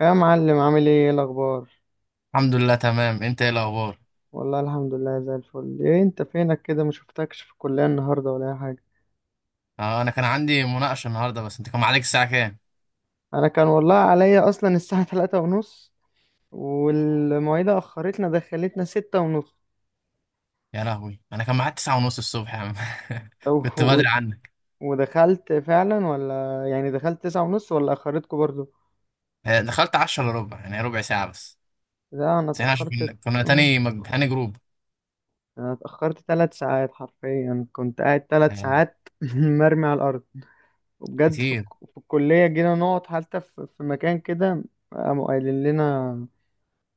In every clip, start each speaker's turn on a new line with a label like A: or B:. A: يا معلم، عامل ايه؟ إيه الاخبار؟
B: الحمد لله تمام، انت ايه الاخبار؟
A: والله الحمد لله زي الفل. ايه انت فينك كده؟ ما شفتكش في الكلية النهاردة ولا اي حاجة.
B: اه، انا كان عندي مناقشه النهارده. بس انت كان معاك الساعه كام؟
A: انا كان والله عليا اصلا الساعة تلاتة ونص، والمواعيد اخرتنا دخلتنا ستة ونص.
B: يا لهوي، انا كان معاك تسعة ونص الصبح يا عم
A: طب
B: كنت
A: و-
B: بدري عنك.
A: ودخلت فعلا ولا يعني، دخلت تسعة ونص ولا اخرتكم برضو؟
B: آه، دخلت عشرة الا ربع، يعني ربع ساعه بس.
A: لا انا
B: بس احنا عشان
A: اتأخرت.
B: كنا
A: أم،
B: تاني تاني جروب.
A: انا اتأخرت 3 ساعات، حرفيا كنت قاعد تلات
B: آه،
A: ساعات مرمي على الارض. وبجد
B: كتير.
A: في الكلية، جينا نقعد حتى في مكان كده، قاموا قايلين لنا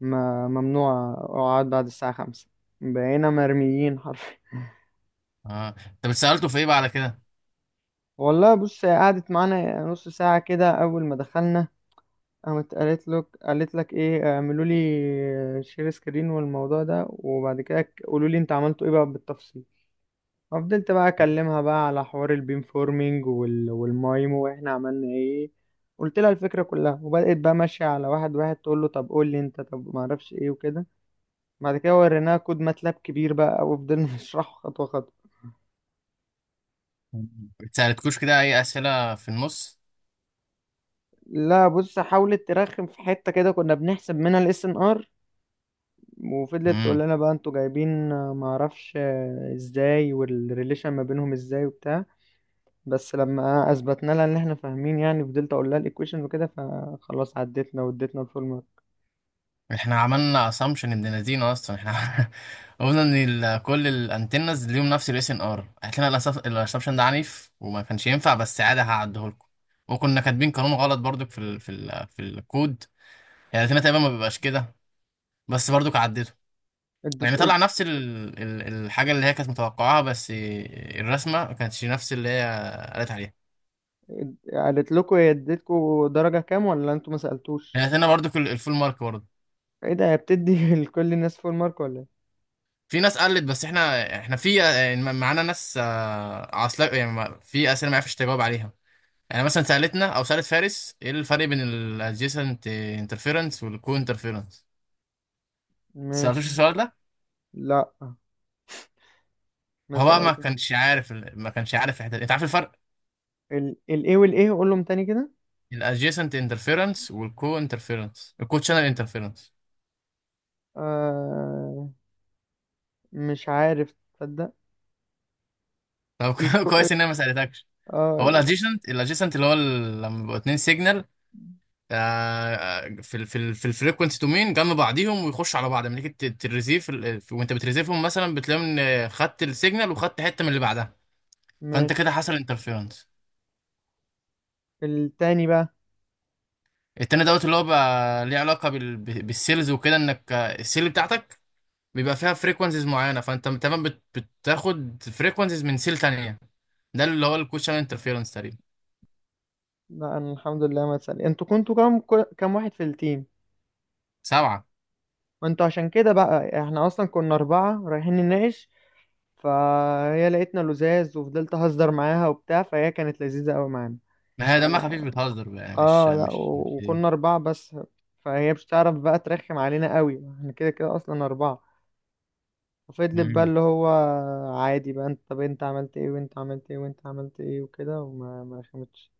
A: ما ممنوع اقعد بعد الساعة خمسة. بقينا مرميين حرفيا
B: اه، انت بتسالته في ايه بقى على كده؟
A: والله بص، هي قعدت معانا نص ساعة كده أول ما دخلنا. قامت قالت لك إيه؟ اعملوا لي شير سكرين والموضوع ده، وبعد كده قولوا لي أنت عملتوا إيه بقى بالتفصيل. ففضلت بقى اكلمها بقى على حوار البيم فورمينج والمايمو واحنا عملنا ايه، قلت لها الفكره كلها، وبدات بقى ماشيه على واحد واحد، تقول له طب قول لي انت، طب ما اعرفش ايه وكده. بعد كده وريناها كود ماتلاب كبير بقى، وفضلنا نشرحه خطوه خطوه.
B: مم. بتسالتكوش كده اي اسئله في النص؟
A: لا بص، حاولت ترخم في حته كده، كنا بنحسب منها الاس ان ار. وفضلت تقول لنا بقى انتوا جايبين ما اعرفش ازاي، والريليشن ما بينهم ازاي وبتاع. بس لما اثبتنا لها ان احنا فاهمين يعني، فضلت اقول لها الايكويشن وكده، فخلاص عدتنا واديتنا الفول مارك.
B: احنا عملنا اسامبشن ابن لذينه اصلا احنا قلنا ان كل الانتنز ليهم نفس الاس ان ار لنا. الاسامبشن ده عنيف وما كانش ينفع، بس عادي هعديه لكم. وكنا كاتبين قانون غلط برضك في ال في ال في الكود. يعني لاتينا تقريبا ما بيبقاش كده، بس برضك عدته.
A: اديت
B: يعني طلع
A: اد-
B: نفس ال الحاجه اللي هي كانت متوقعاها، بس الرسمه ما كانتش نفس اللي هي قالت عليها.
A: قالت لكم هي اديتكم درجة كام، ولا انتوا ما سألتوش؟
B: يعني لاتينا برضك الفول مارك برضه.
A: ايه ده؟ هي بتدي لكل الناس فول مارك ولا ايه؟
B: في ناس قلت، بس احنا احنا في يعني معانا ناس آه، عاصلة، يعني في اسئله ما عرفتش تجاوب عليها. يعني مثلا سالتنا او سالت فارس ايه الفرق بين الادجيسنت انترفيرنس والكو انترفيرنس. سالتوش
A: ماشي.
B: السؤال ده؟
A: لا ما
B: هو بقى ما
A: سألتش.
B: كانش عارف الحته دي. انت عارف الفرق؟
A: الايه والايه؟ قولهم تاني كده.
B: الادجيسنت انترفيرنس والكو انترفيرنس، الكو شانل انترفيرنس.
A: آه. مش عارف تصدق.
B: طب
A: الكو.
B: كويس ان انا ما سالتكش. هو
A: اه.
B: الادجيسنت، لما بيبقوا اتنين سيجنال آه، في ال في ال في الفريكونسي دومين جنب بعضيهم ويخشوا على بعض، لما تيجي تريزيف وانت بتريزيفهم، مثلا بتلاقي ان خدت السيجنال وخدت حته من اللي بعدها. فانت كده
A: ماشي.
B: حصل انترفيرنس.
A: التاني بقى.
B: التاني دوت اللي هو بقى ليه علاقه بالسيلز وكده، انك آه، السيل بتاعتك بيبقى فيها فريكونسيز معينه، فانت تمام بتاخد فريكونسيز من سيل تانيه. ده اللي هو الكوشن انترفيرنس تقريبا.
A: لا انا الحمد لله ما اتسأل. انتوا كنتوا كام؟ كام واحد في التيم؟
B: سبعه.
A: ما انتوا عشان كده بقى، احنا اصلا كنا اربعة رايحين نناقش، فهي لقيتنا لزاز، وفضلت اهزر معاها وبتاع، فهي كانت لذيذة قوي معانا.
B: ما هي
A: يعني،
B: دمها خفيف، بتهزر بقى، يعني مش
A: اه لا،
B: مش مش ايه.
A: وكنا اربعة بس، فهي مش تعرف بقى ترخم علينا قوي، احنا كده كده اصلا اربعة. ففضلت بقى
B: مم.
A: اللي هو عادي بقى، انت طب انت عملت ايه، وانت عملت ايه، وانت عملت ايه وكده، وما ما رخمتش.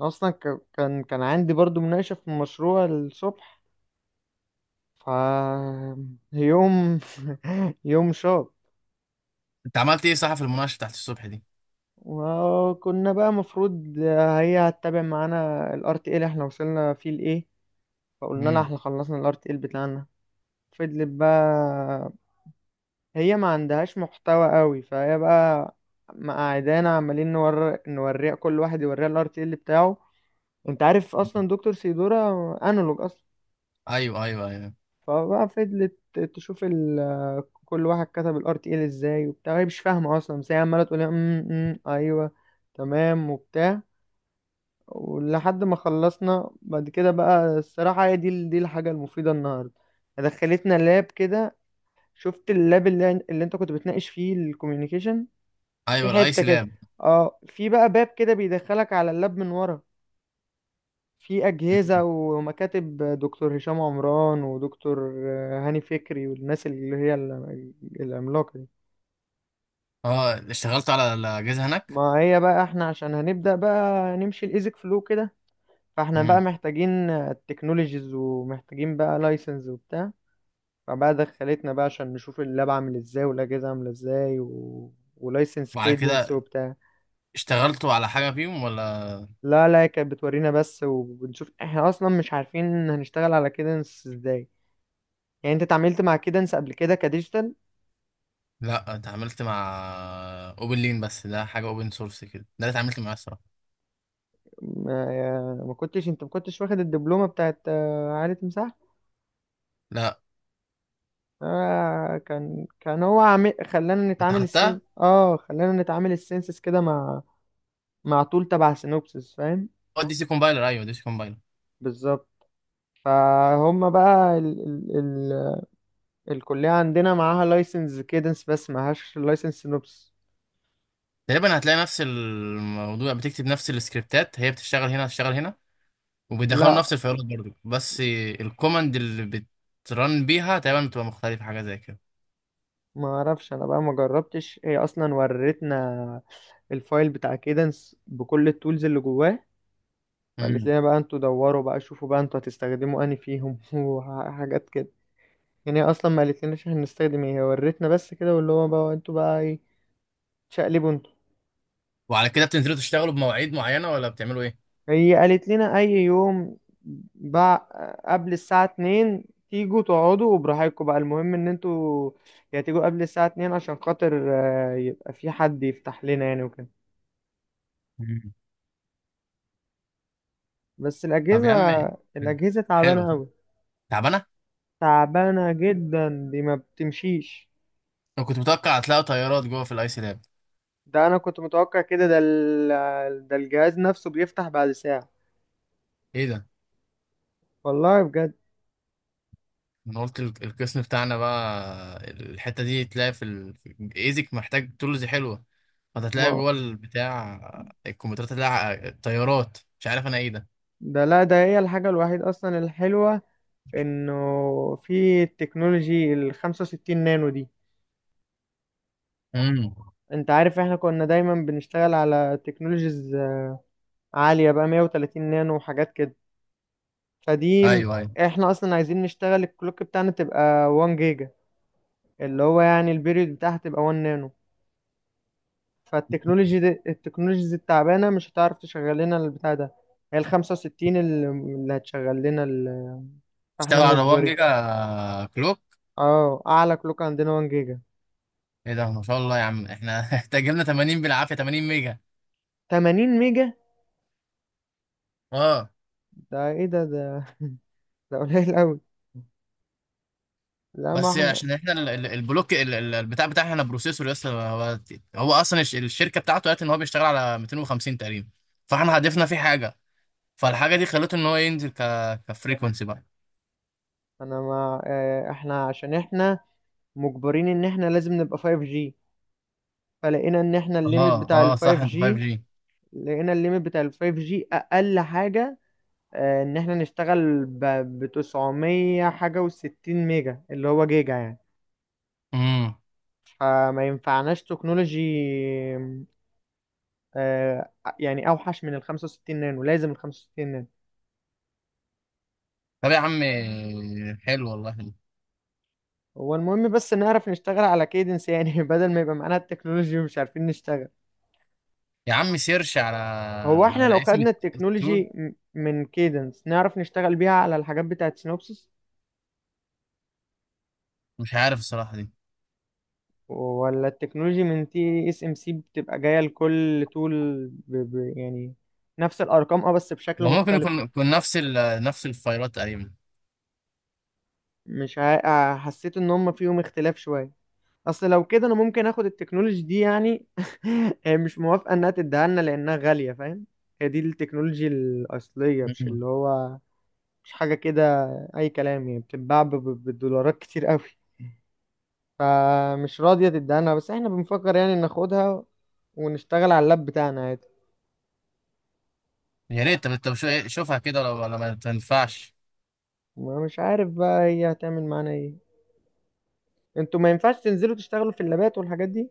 A: اصلا كان عندي برضو مناقشة في المشروع الصبح. ف يوم يوم شاط.
B: انت عملت ايه صح في المناقشه بتاعت الصبح دي؟
A: وكنا بقى مفروض هي هتتابع معانا ال RTA اللي احنا وصلنا فيه لإيه، فقلنا لها
B: مم.
A: احنا خلصنا ال RTA بتاعنا. فضلت بقى، هي ما عندهاش محتوى قوي، فهي بقى مقعدانا عمالين نوريها، كل واحد يوريها ال RTA بتاعه. انت عارف اصلا دكتور سيدورا انالوج اصلا.
B: ايوه ايوه ايوه.
A: فبقى فضلت تشوف كل واحد كتب ال RTA ازاي وبتاع، هي مش فاهمة اصلا، بس هي عمالة تقول لنا، "أم، أم، ايوه، تمام وبتاع". ولحد ما خلصنا بعد كده بقى، الصراحة هي دي الحاجة المفيدة النهاردة. دخلتنا لاب كده. شفت اللاب اللي انت كنت بتناقش فيه الكوميونيكيشن، في
B: ايوه
A: حتة
B: الايس
A: كده.
B: لاب.
A: اه في بقى باب كده بيدخلك على اللاب من ورا، في أجهزة ومكاتب دكتور هشام عمران ودكتور هاني فكري والناس اللي هي العملاقة دي.
B: اه اشتغلت على الاجهزه هناك.
A: ما هي بقى احنا عشان هنبدأ بقى نمشي الإيزك فلو كده، فاحنا بقى
B: امم.
A: محتاجين تكنولوجيز ومحتاجين بقى لايسنس وبتاع، فبقى دخلتنا بقى عشان نشوف اللاب عامل ازاي والاجهزه عامله ازاي ولايسنس
B: وعلى
A: كيدنس
B: كده
A: وبتاع.
B: اشتغلتوا على حاجه فيهم ولا؟
A: لا لا كانت بتورينا بس، وبنشوف احنا اصلا مش عارفين هنشتغل على كيدنس ازاي. يعني انت اتعاملت مع كيدنس قبل كده كديجيتال؟
B: لا، اتعاملت مع اوبن لين بس، ده حاجه اوبن سورس كده، ده اللي اتعاملت معاه الصراحه.
A: ما كنتش انت، ما كنتش واخد الدبلومه بتاعت عالة مساحه؟
B: لا.
A: آه كان هو عامل
B: انت خدتها؟
A: خلانا نتعامل السنسس كده مع، مع طول تبع سينوبسس، فاهم؟
B: اه دي سي كومبايلر، ايوه دي سي كومبايلر.
A: بالظبط. فهم بقى الكلية عندنا معاها لايسنس كيدنس بس معهاش لايسنس سينوبس.
B: تقريبا هتلاقي نفس الموضوع، بتكتب نفس السكريبتات، هي بتشتغل هنا بتشتغل هنا، وبيدخلوا
A: لا
B: نفس الفايلات برضه. بس الكوماند اللي بترن بيها تقريبا بتبقى مختلفه، حاجه زي كده.
A: ما اعرفش انا بقى، ما جربتش، هي اصلا ورتنا الفايل بتاع كيدنس بكل التولز اللي جواه، فقالت
B: امم.
A: لنا بقى انتوا دوروا بقى، شوفوا بقى انتوا هتستخدموا انهي فيهم وحاجات كده. يعني هي اصلا ما قالت لناش هنستخدم ايه، هي ورتنا بس كده، واللي هو بقى انتوا بقى ايه تشقلبوا انتوا.
B: وعلى كده بتنزلوا تشتغلوا بمواعيد معينه ولا بتعملوا ايه؟
A: هي قالت لنا اي يوم بع... قبل الساعة اتنين تيجوا تقعدوا وبراحتكم بقى، المهم ان انتوا يا تيجوا قبل الساعة اتنين عشان خاطر يبقى في حد يفتح لنا يعني وكده.
B: مم.
A: بس
B: طب
A: الأجهزة
B: يا عم. حلو.
A: الأجهزة
B: حلو
A: تعبانة
B: ده.
A: أوي،
B: تعبانه.
A: تعبانة جدا، دي ما بتمشيش.
B: انا كنت متوقع هتلاقي طيارات جوه في الايس لاب.
A: ده أنا كنت متوقع كده، ده الجهاز نفسه بيفتح بعد ساعة،
B: ايه ده.
A: والله بجد.
B: انا قلت القسم بتاعنا بقى الحته دي تلاقي في الايزك محتاج تولز حلوه، فهتلاقي
A: ما
B: جوه البتاع الكمبيوترات، هتلاقي الطيارات. مش عارف انا ايه ده.
A: ده، لا ده هي الحاجة الوحيدة أصلا الحلوة، انه في التكنولوجي ال 65 نانو دي.
B: امم.
A: انت عارف احنا كنا دايما بنشتغل على تكنولوجيز عالية بقى 130 نانو وحاجات كده، فدي
B: ايوه ايوه.
A: احنا اصلا عايزين نشتغل الكلوك بتاعنا تبقى 1 جيجا، اللي هو يعني البيريود بتاعها تبقى 1 نانو، فالتكنولوجي دي التكنولوجيز التعبانة مش هتعرف تشغل لنا البتاع ده. هي ال 65 اللي هتشغل لنا فاحنا
B: اشتغل على 1
A: مجبرين.
B: جيجا كلوك.
A: اه اعلى كلوك عندنا 1 جيجا.
B: ايه ده ما شاء الله يا عم؟ احنا احتاج لنا 80 بالعافيه، 80 ميجا.
A: 80 ميجا؟
B: اه
A: ده ايه ده ده قليل قوي. لا ما
B: بس
A: احنا،
B: عشان احنا البلوك البتاع بتاعنا احنا بروسيسور، يس هو هو اصلا الشركه بتاعته قالت ان هو بيشتغل على 250 تقريبا، فاحنا هدفنا فيه حاجه، فالحاجه دي خلته ان هو ينزل كفريكونسي بقى.
A: انا ما آه، احنا عشان احنا مجبرين ان احنا لازم نبقى 5G. فلقينا ان احنا
B: اه
A: الليميت بتاع
B: اه صح،
A: ال
B: انت 5
A: 5G
B: جي.
A: لقينا الليميت بتاع ال 5G اقل حاجة، ان احنا نشتغل ب 900 حاجة و60 ميجا اللي هو جيجا يعني.
B: امم.
A: فما ينفعناش تكنولوجي آه، يعني اوحش من ال 65 نانو، لازم ال 65 نانو.
B: طب يا عم، حلو والله.
A: هو المهم بس نعرف نشتغل على كيدنس يعني بدل ما يبقى معانا التكنولوجي ومش عارفين نشتغل.
B: يا عم سيرش على
A: هو احنا لو
B: على اسم
A: خدنا
B: التول.
A: التكنولوجي من كيدنس نعرف نشتغل بيها على الحاجات بتاعت سينوبسيس،
B: مش عارف الصراحه دي.
A: ولا التكنولوجي من تي اس ام سي بتبقى جاية لكل تول يعني نفس الارقام، اه بس بشكل
B: وممكن
A: مختلف.
B: يكون يكون نفس نفس الفايلات تقريبا.
A: مش ع... آه، حسيت ان هم فيهم اختلاف شوية. اصل لو كده انا ممكن اخد التكنولوجي دي يعني هي مش موافقة انها تديها لنا لانها غالية، فاهم، هي دي التكنولوجي الاصلية مش اللي
B: مم.
A: هو مش حاجة كده اي كلام، يعني بتتباع بالدولارات كتير قوي، فمش راضية تدهنها، بس احنا بنفكر يعني ناخدها ونشتغل على اللاب بتاعنا عادي.
B: يا ريت. طب طب شوفها كده، ولا ولا ما تنفعش؟
A: ما مش عارف بقى هي هتعمل معانا ايه. انتوا ما ينفعش تنزلوا تشتغلوا في اللابات والحاجات دي؟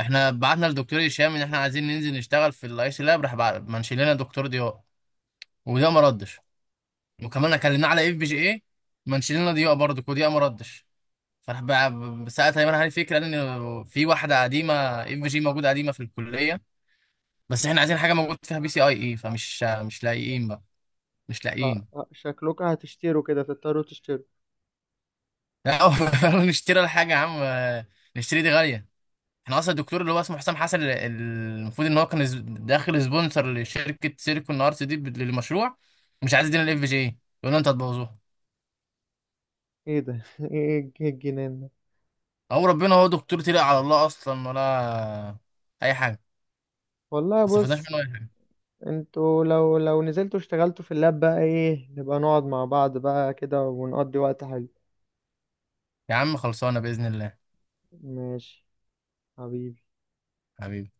B: احنا بعتنا لدكتور هشام ان احنا عايزين ننزل نشتغل في الاي سي لاب، راح منشي لنا دكتور ضياء، وده ما ردش. وكمان كلمناه على اف بي جي اي، منشي لنا ضياء برضه وضياء ما ردش. فراح ساعتها ايمن علي فكره ان في واحده قديمه اف بي جي موجوده قديمه في الكليه، بس احنا عايزين حاجه موجود فيها بي سي اي اي، فمش مش لاقيين بقى. مش
A: اه
B: لاقيين.
A: شكلكم هتشتروا كده، تضطروا تشتروا.
B: لا نشتري الحاجه يا عم، نشتري دي غاليه. احنا اصلا الدكتور اللي هو اسمه حسام حسن المفروض ان هو كان داخل سبونسر لشركه سيليكون ارتس دي للمشروع، مش عايز يدينا الاف جي اي، يقول لنا انت هتبوظوها.
A: ايه ده إيه الجنان ده؟
B: او ربنا. هو دكتور تلقى على الله اصلا ولا اي حاجه.
A: والله
B: ما استفدناش
A: بص،
B: منه اي حاجه.
A: انتوا لو نزلتوا اشتغلتوا في اللاب بقى ايه، نبقى نقعد مع بعض بقى كده ونقضي وقت حلو.
B: يا عم خلصانه باذن الله.
A: ماشي. حبيبي.
B: حبيبي.